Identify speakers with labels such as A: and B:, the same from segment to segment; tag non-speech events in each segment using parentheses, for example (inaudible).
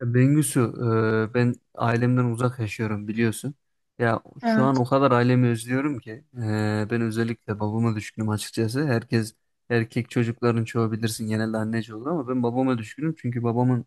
A: Ya Bengüsü, ben ailemden uzak yaşıyorum biliyorsun. Ya şu
B: Evet.
A: an o kadar ailemi özlüyorum ki ben özellikle babama düşkünüm açıkçası. Herkes erkek çocukların çoğu bilirsin genelde anneci olur ama ben babama düşkünüm çünkü babamın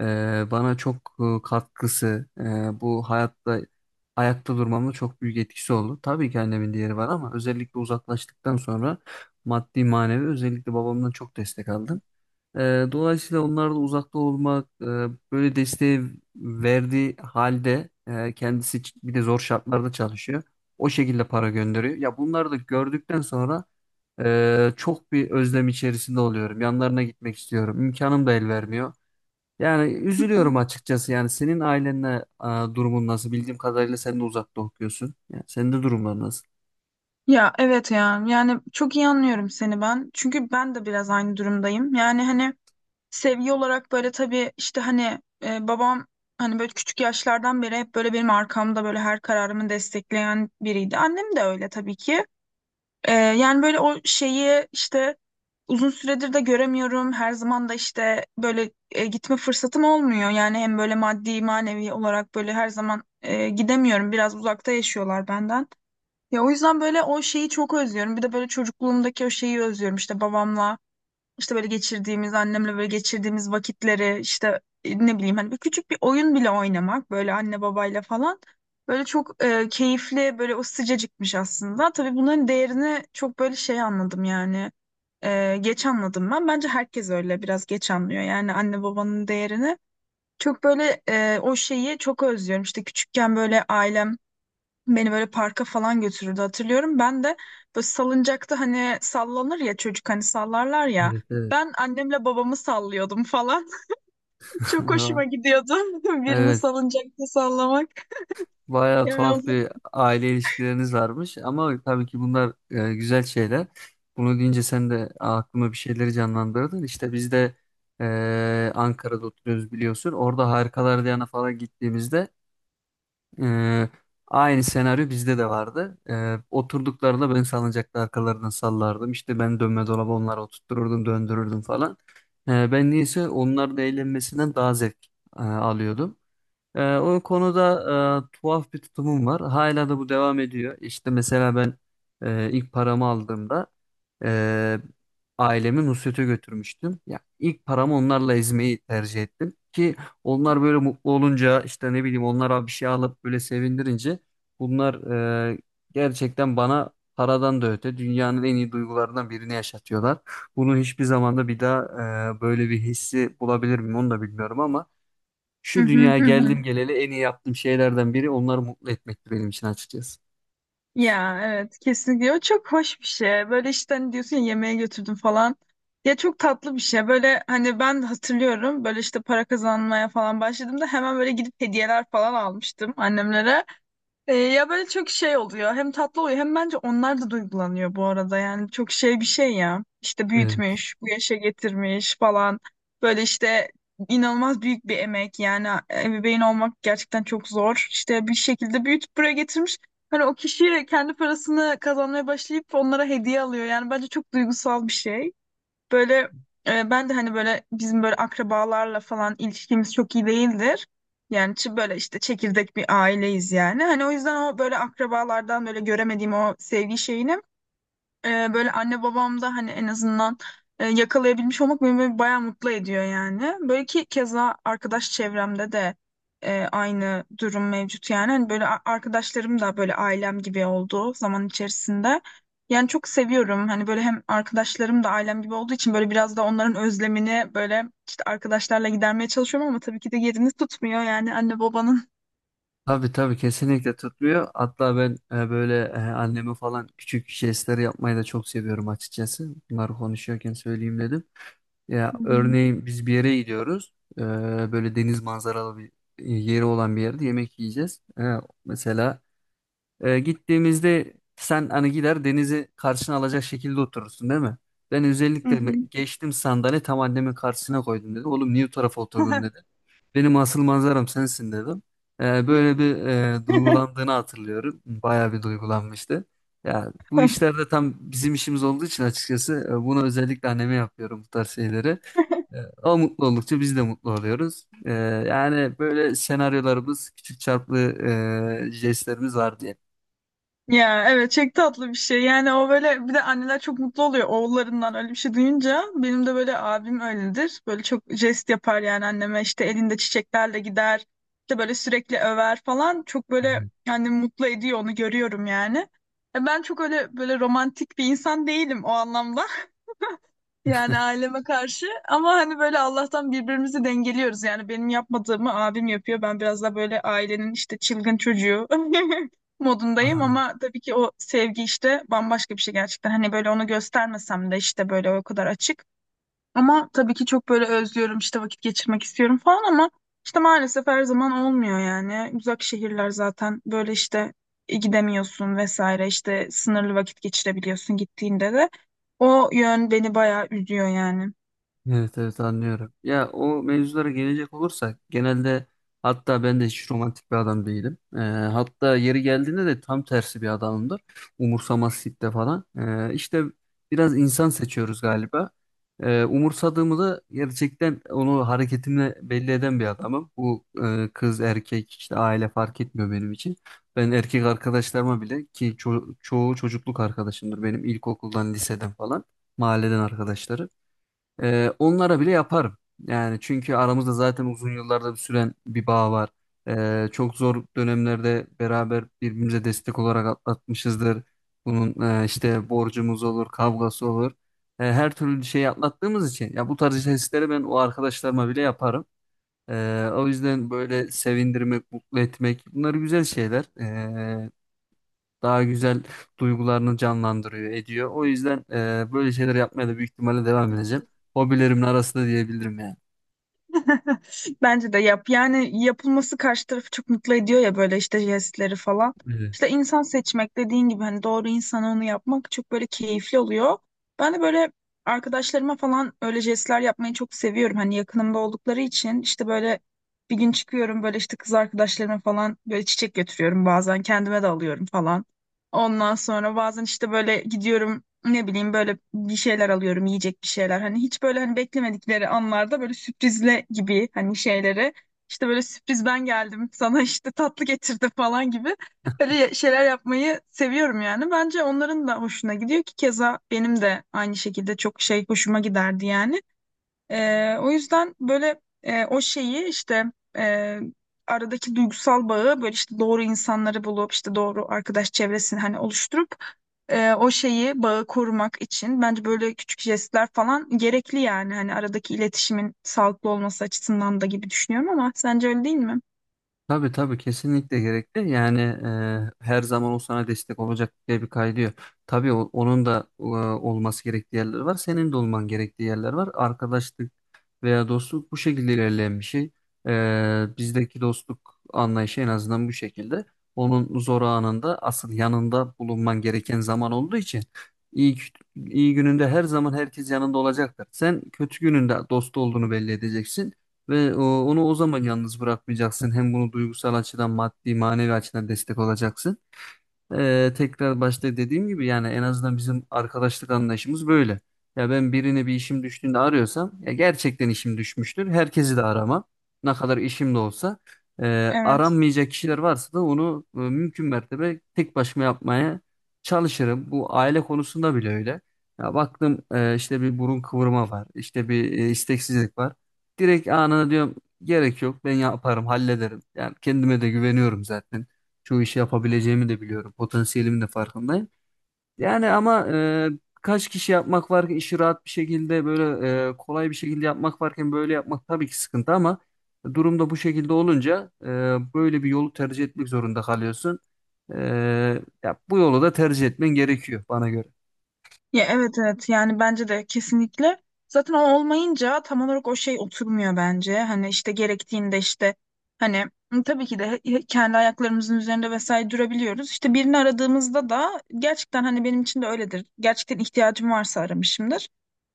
A: bana çok katkısı bu hayatta ayakta durmamda çok büyük etkisi oldu. Tabii ki annemin diğeri var ama özellikle uzaklaştıktan sonra maddi manevi özellikle babamdan çok destek aldım. Dolayısıyla onlarla uzakta olmak böyle desteği verdiği halde kendisi bir de zor şartlarda çalışıyor. O şekilde para gönderiyor. Ya bunları da gördükten sonra çok bir özlem içerisinde oluyorum. Yanlarına gitmek istiyorum. İmkanım da el vermiyor. Yani üzülüyorum açıkçası. Yani senin ailenle durumun nasıl? Bildiğim kadarıyla sen de uzakta okuyorsun. Yani senin de durumlar nasıl?
B: Ya evet ya, yani çok iyi anlıyorum seni ben. Çünkü ben de biraz aynı durumdayım. Yani hani sevgi olarak böyle, tabii işte hani babam hani böyle küçük yaşlardan beri hep böyle benim arkamda, böyle her kararımı destekleyen biriydi. Annem de öyle, tabii ki. Yani böyle o şeyi işte uzun süredir de göremiyorum. Her zaman da işte böyle gitme fırsatım olmuyor. Yani hem böyle maddi manevi olarak böyle her zaman gidemiyorum. Biraz uzakta yaşıyorlar benden. Ya o yüzden böyle o şeyi çok özlüyorum. Bir de böyle çocukluğumdaki o şeyi özlüyorum. İşte babamla, işte böyle geçirdiğimiz, annemle böyle geçirdiğimiz vakitleri, işte ne bileyim, hani bir küçük bir oyun bile oynamak böyle anne babayla falan. Böyle çok keyifli, böyle o sıcacıkmış aslında. Tabii bunların değerini çok böyle şey anladım yani. Geç anladım ben. Bence herkes öyle biraz geç anlıyor. Yani anne babanın değerini. Çok böyle o şeyi çok özlüyorum. İşte küçükken böyle ailem beni böyle parka falan götürürdü hatırlıyorum. Ben de böyle salıncakta, hani sallanır ya çocuk, hani sallarlar ya.
A: Evet, evet.
B: Ben annemle babamı sallıyordum falan. (laughs) Çok hoşuma
A: (laughs)
B: gidiyordu (laughs) birini
A: Evet.
B: salıncakta sallamak.
A: Bayağı
B: Yani o
A: tuhaf
B: zaman-
A: bir aile ilişkileriniz varmış ama tabii ki bunlar güzel şeyler. Bunu deyince sen de aklıma bir şeyleri canlandırdın. İşte biz de Ankara'da oturuyoruz biliyorsun. Orada Harikalar Diyarı'na falan gittiğimizde e, aynı senaryo bizde de vardı. Oturduklarında ben salıncakta arkalarından sallardım. İşte ben dönme dolabı onlara oturttururdum, döndürürdüm falan. Ben niyeyse onların eğlenmesinden daha zevk alıyordum. O konuda tuhaf bir tutumum var. Hala da bu devam ediyor. İşte mesela ben ilk paramı aldığımda e, ailemi Nusret'e götürmüştüm. Ya ilk paramı onlarla ezmeyi tercih ettim ki onlar böyle mutlu olunca işte ne bileyim onlara bir şey alıp böyle sevindirince bunlar e, gerçekten bana paradan da öte dünyanın en iyi duygularından birini yaşatıyorlar. Bunu hiçbir zamanda bir daha böyle bir hissi bulabilir miyim onu da bilmiyorum ama
B: Hı
A: şu
B: hı
A: dünyaya
B: hı hı.
A: geldim geleli en iyi yaptığım şeylerden biri onları mutlu etmekti benim için açıkçası.
B: Ya evet, kesinlikle o çok hoş bir şey. Böyle işte hani diyorsun ya, yemeğe götürdüm falan. Ya çok tatlı bir şey. Böyle hani ben de hatırlıyorum, böyle işte para kazanmaya falan başladığımda hemen böyle gidip hediyeler falan almıştım annemlere. Ya böyle çok şey oluyor. Hem tatlı oluyor hem bence onlar da duygulanıyor bu arada. Yani çok şey bir şey ya. İşte
A: Evet.
B: büyütmüş, bu yaşa getirmiş falan. Böyle işte inanılmaz büyük bir emek. Yani ebeveyn olmak gerçekten çok zor. İşte bir şekilde büyütüp buraya getirmiş. Hani o kişi kendi parasını kazanmaya başlayıp onlara hediye alıyor. Yani bence çok duygusal bir şey. Böyle ben de hani böyle bizim böyle akrabalarla falan ilişkimiz çok iyi değildir. Yani böyle işte çekirdek bir aileyiz yani. Hani o yüzden o böyle akrabalardan böyle göremediğim o sevgi şeyini böyle anne babam da hani en azından yakalayabilmiş olmak beni böyle bayağı mutlu ediyor yani. Böyle ki keza arkadaş çevremde de aynı durum mevcut yani. Hani böyle arkadaşlarım da böyle ailem gibi oldu zaman içerisinde. Yani çok seviyorum. Hani böyle, hem arkadaşlarım da ailem gibi olduğu için böyle biraz da onların özlemini böyle işte arkadaşlarla gidermeye çalışıyorum, ama tabii ki de yerini tutmuyor yani, anne babanın.
A: Tabii tabii kesinlikle tutmuyor. Hatta ben böyle anneme falan küçük jestler yapmayı da çok seviyorum açıkçası. Bunları konuşuyorken söyleyeyim dedim. Ya
B: Hı hı.
A: örneğin biz bir yere gidiyoruz. Böyle deniz manzaralı bir yeri olan bir yerde yemek yiyeceğiz. Mesela gittiğimizde sen hani gider denizi karşına alacak şekilde oturursun değil mi? Ben
B: Hı
A: özellikle
B: hı.
A: geçtim sandalye tam annemin karşısına koydum dedi. Oğlum niye o tarafa oturdun dedi. Benim asıl manzaram sensin dedim.
B: (laughs) Ya.
A: Böyle bir duygulandığını hatırlıyorum. Bayağı bir duygulanmıştı. Ya bu işlerde tam bizim işimiz olduğu için açıkçası bunu özellikle anneme yapıyorum bu tarz şeyleri. E, O mutlu oldukça biz de mutlu oluyoruz. Yani böyle senaryolarımız, küçük çarplı jestlerimiz var diye.
B: Ya evet, çok tatlı bir şey. Yani o böyle, bir de anneler çok mutlu oluyor oğullarından öyle bir şey duyunca. Benim de böyle abim öyledir. Böyle çok jest yapar yani anneme, işte elinde çiçeklerle gider. İşte böyle sürekli över falan. Çok böyle yani mutlu ediyor, onu görüyorum yani. Ben çok öyle böyle romantik bir insan değilim o anlamda. Yani aileme karşı, ama hani böyle Allah'tan birbirimizi dengeliyoruz. Yani benim yapmadığımı abim yapıyor. Ben biraz da böyle ailenin işte çılgın çocuğu (laughs) modundayım,
A: Anladım.
B: ama tabii ki o sevgi işte bambaşka bir şey gerçekten. Hani böyle onu göstermesem de işte böyle o kadar açık. Ama tabii ki çok böyle özlüyorum, işte vakit geçirmek istiyorum falan, ama işte maalesef her zaman olmuyor yani. Uzak şehirler zaten, böyle işte gidemiyorsun vesaire, işte sınırlı vakit geçirebiliyorsun gittiğinde de. O yön beni bayağı üzüyor yani.
A: Evet, evet, anlıyorum. Ya o mevzulara gelecek olursak genelde hatta ben de hiç romantik bir adam değilim. Hatta yeri geldiğinde de tam tersi bir adamımdır. Umursamazlıkta falan. İşte biraz insan seçiyoruz galiba. Umursadığımı da gerçekten onu hareketimle belli eden bir adamım. Bu kız erkek işte aile fark etmiyor benim için. Ben erkek arkadaşlarıma bile ki çoğu çocukluk arkadaşımdır benim ilkokuldan liseden falan mahalleden arkadaşları. Onlara bile yaparım. Yani çünkü aramızda zaten uzun yıllarda bir süren bir bağ var. Çok zor dönemlerde beraber birbirimize destek olarak atlatmışızdır. Bunun işte borcumuz olur, kavgası olur. Her türlü şeyi atlattığımız için ya bu tarz jestleri ben o arkadaşlarıma bile yaparım. O yüzden böyle sevindirmek, mutlu etmek bunlar güzel şeyler. Daha güzel duygularını canlandırıyor, ediyor. O yüzden böyle şeyler yapmaya da büyük ihtimalle devam edeceğim. Hobilerimin arasında diyebilirim yani.
B: (laughs) Bence de yap. Yani yapılması karşı tarafı çok mutlu ediyor ya, böyle işte jestleri falan.
A: Evet.
B: İşte insan seçmek dediğin gibi, hani doğru insana onu yapmak çok böyle keyifli oluyor. Ben de böyle arkadaşlarıma falan öyle jestler yapmayı çok seviyorum. Hani yakınımda oldukları için, işte böyle bir gün çıkıyorum, böyle işte kız arkadaşlarıma falan böyle çiçek götürüyorum, bazen kendime de alıyorum falan. Ondan sonra bazen işte böyle gidiyorum, ne bileyim böyle bir şeyler alıyorum, yiyecek bir şeyler, hani hiç böyle, hani beklemedikleri anlarda böyle sürprizle gibi hani şeyleri, işte böyle sürpriz, ben geldim sana işte tatlı getirdim falan gibi, öyle şeyler yapmayı seviyorum. Yani bence onların da hoşuna gidiyor, ki keza benim de aynı şekilde çok şey hoşuma giderdi yani. O yüzden böyle o şeyi işte e, aradaki duygusal bağı, böyle işte doğru insanları bulup, işte doğru arkadaş çevresini hani oluşturup, o şeyi, bağı korumak için bence böyle küçük jestler falan gerekli yani, hani aradaki iletişimin sağlıklı olması açısından da gibi düşünüyorum, ama sence öyle değil mi?
A: Tabii tabii kesinlikle gerekli. Yani her zaman o sana destek olacak diye bir kaydı yok. Tabii onun da olması gerektiği yerler var. Senin de olman gerektiği yerler var. Arkadaşlık veya dostluk bu şekilde ilerleyen bir şey. Bizdeki dostluk anlayışı en azından bu şekilde. Onun zor anında asıl yanında bulunman gereken zaman olduğu için iyi, iyi gününde her zaman herkes yanında olacaktır. Sen kötü gününde dost olduğunu belli edeceksin ve onu o zaman yalnız bırakmayacaksın. Hem bunu duygusal açıdan, maddi, manevi açıdan destek olacaksın. Tekrar başta dediğim gibi yani en azından bizim arkadaşlık anlayışımız böyle. Ya ben birini bir işim düştüğünde arıyorsam ya gerçekten işim düşmüştür. Herkesi de aramam. Ne kadar işim de olsa.
B: Evet.
A: Aranmayacak kişiler varsa da onu mümkün mertebe tek başıma yapmaya çalışırım. Bu aile konusunda bile öyle. Ya baktım işte bir burun kıvırma var. İşte bir isteksizlik var. Direkt anına diyorum gerek yok ben yaparım hallederim. Yani kendime de güveniyorum zaten. Çoğu işi yapabileceğimi de biliyorum. Potansiyelimin de farkındayım. Yani ama kaç kişi yapmak var ki işi rahat bir şekilde böyle kolay bir şekilde yapmak varken böyle yapmak tabii ki sıkıntı ama durumda bu şekilde olunca böyle bir yolu tercih etmek zorunda kalıyorsun. E, Ya bu yolu da tercih etmen gerekiyor bana göre.
B: Ya evet evet, yani bence de kesinlikle. Zaten o olmayınca tam olarak o şey oturmuyor bence. Hani işte gerektiğinde, işte hani tabii ki de kendi ayaklarımızın üzerinde vesaire durabiliyoruz. İşte birini aradığımızda da gerçekten, hani benim için de öyledir. Gerçekten ihtiyacım varsa aramışımdır.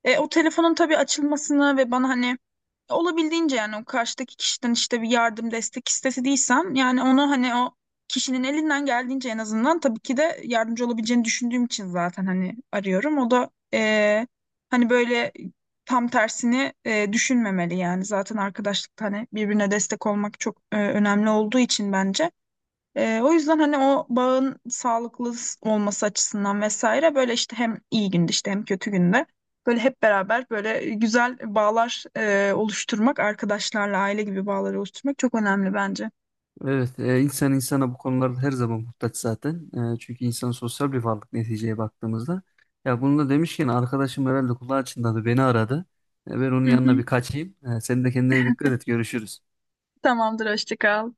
B: O telefonun tabii açılmasını ve bana hani olabildiğince, yani o karşıdaki kişiden işte bir yardım destek istediysem, yani onu hani o kişinin elinden geldiğince, en azından tabii ki de yardımcı olabileceğini düşündüğüm için zaten hani arıyorum. O da hani böyle tam tersini düşünmemeli yani, zaten arkadaşlıkta hani birbirine destek olmak çok önemli olduğu için, bence. O yüzden hani o bağın sağlıklı olması açısından vesaire, böyle işte hem iyi günde işte hem kötü günde böyle hep beraber böyle güzel bağlar oluşturmak, arkadaşlarla aile gibi bağları oluşturmak çok önemli bence.
A: Evet, insan insana bu konularda her zaman muhtaç zaten. Çünkü insan sosyal bir varlık neticeye baktığımızda. Ya bunu da demişken arkadaşım herhalde kulağı çınladı beni aradı. Ben onun
B: Hı hı.
A: yanına bir kaçayım. Sen de kendine dikkat et görüşürüz.
B: Tamamdır, hoşça kal.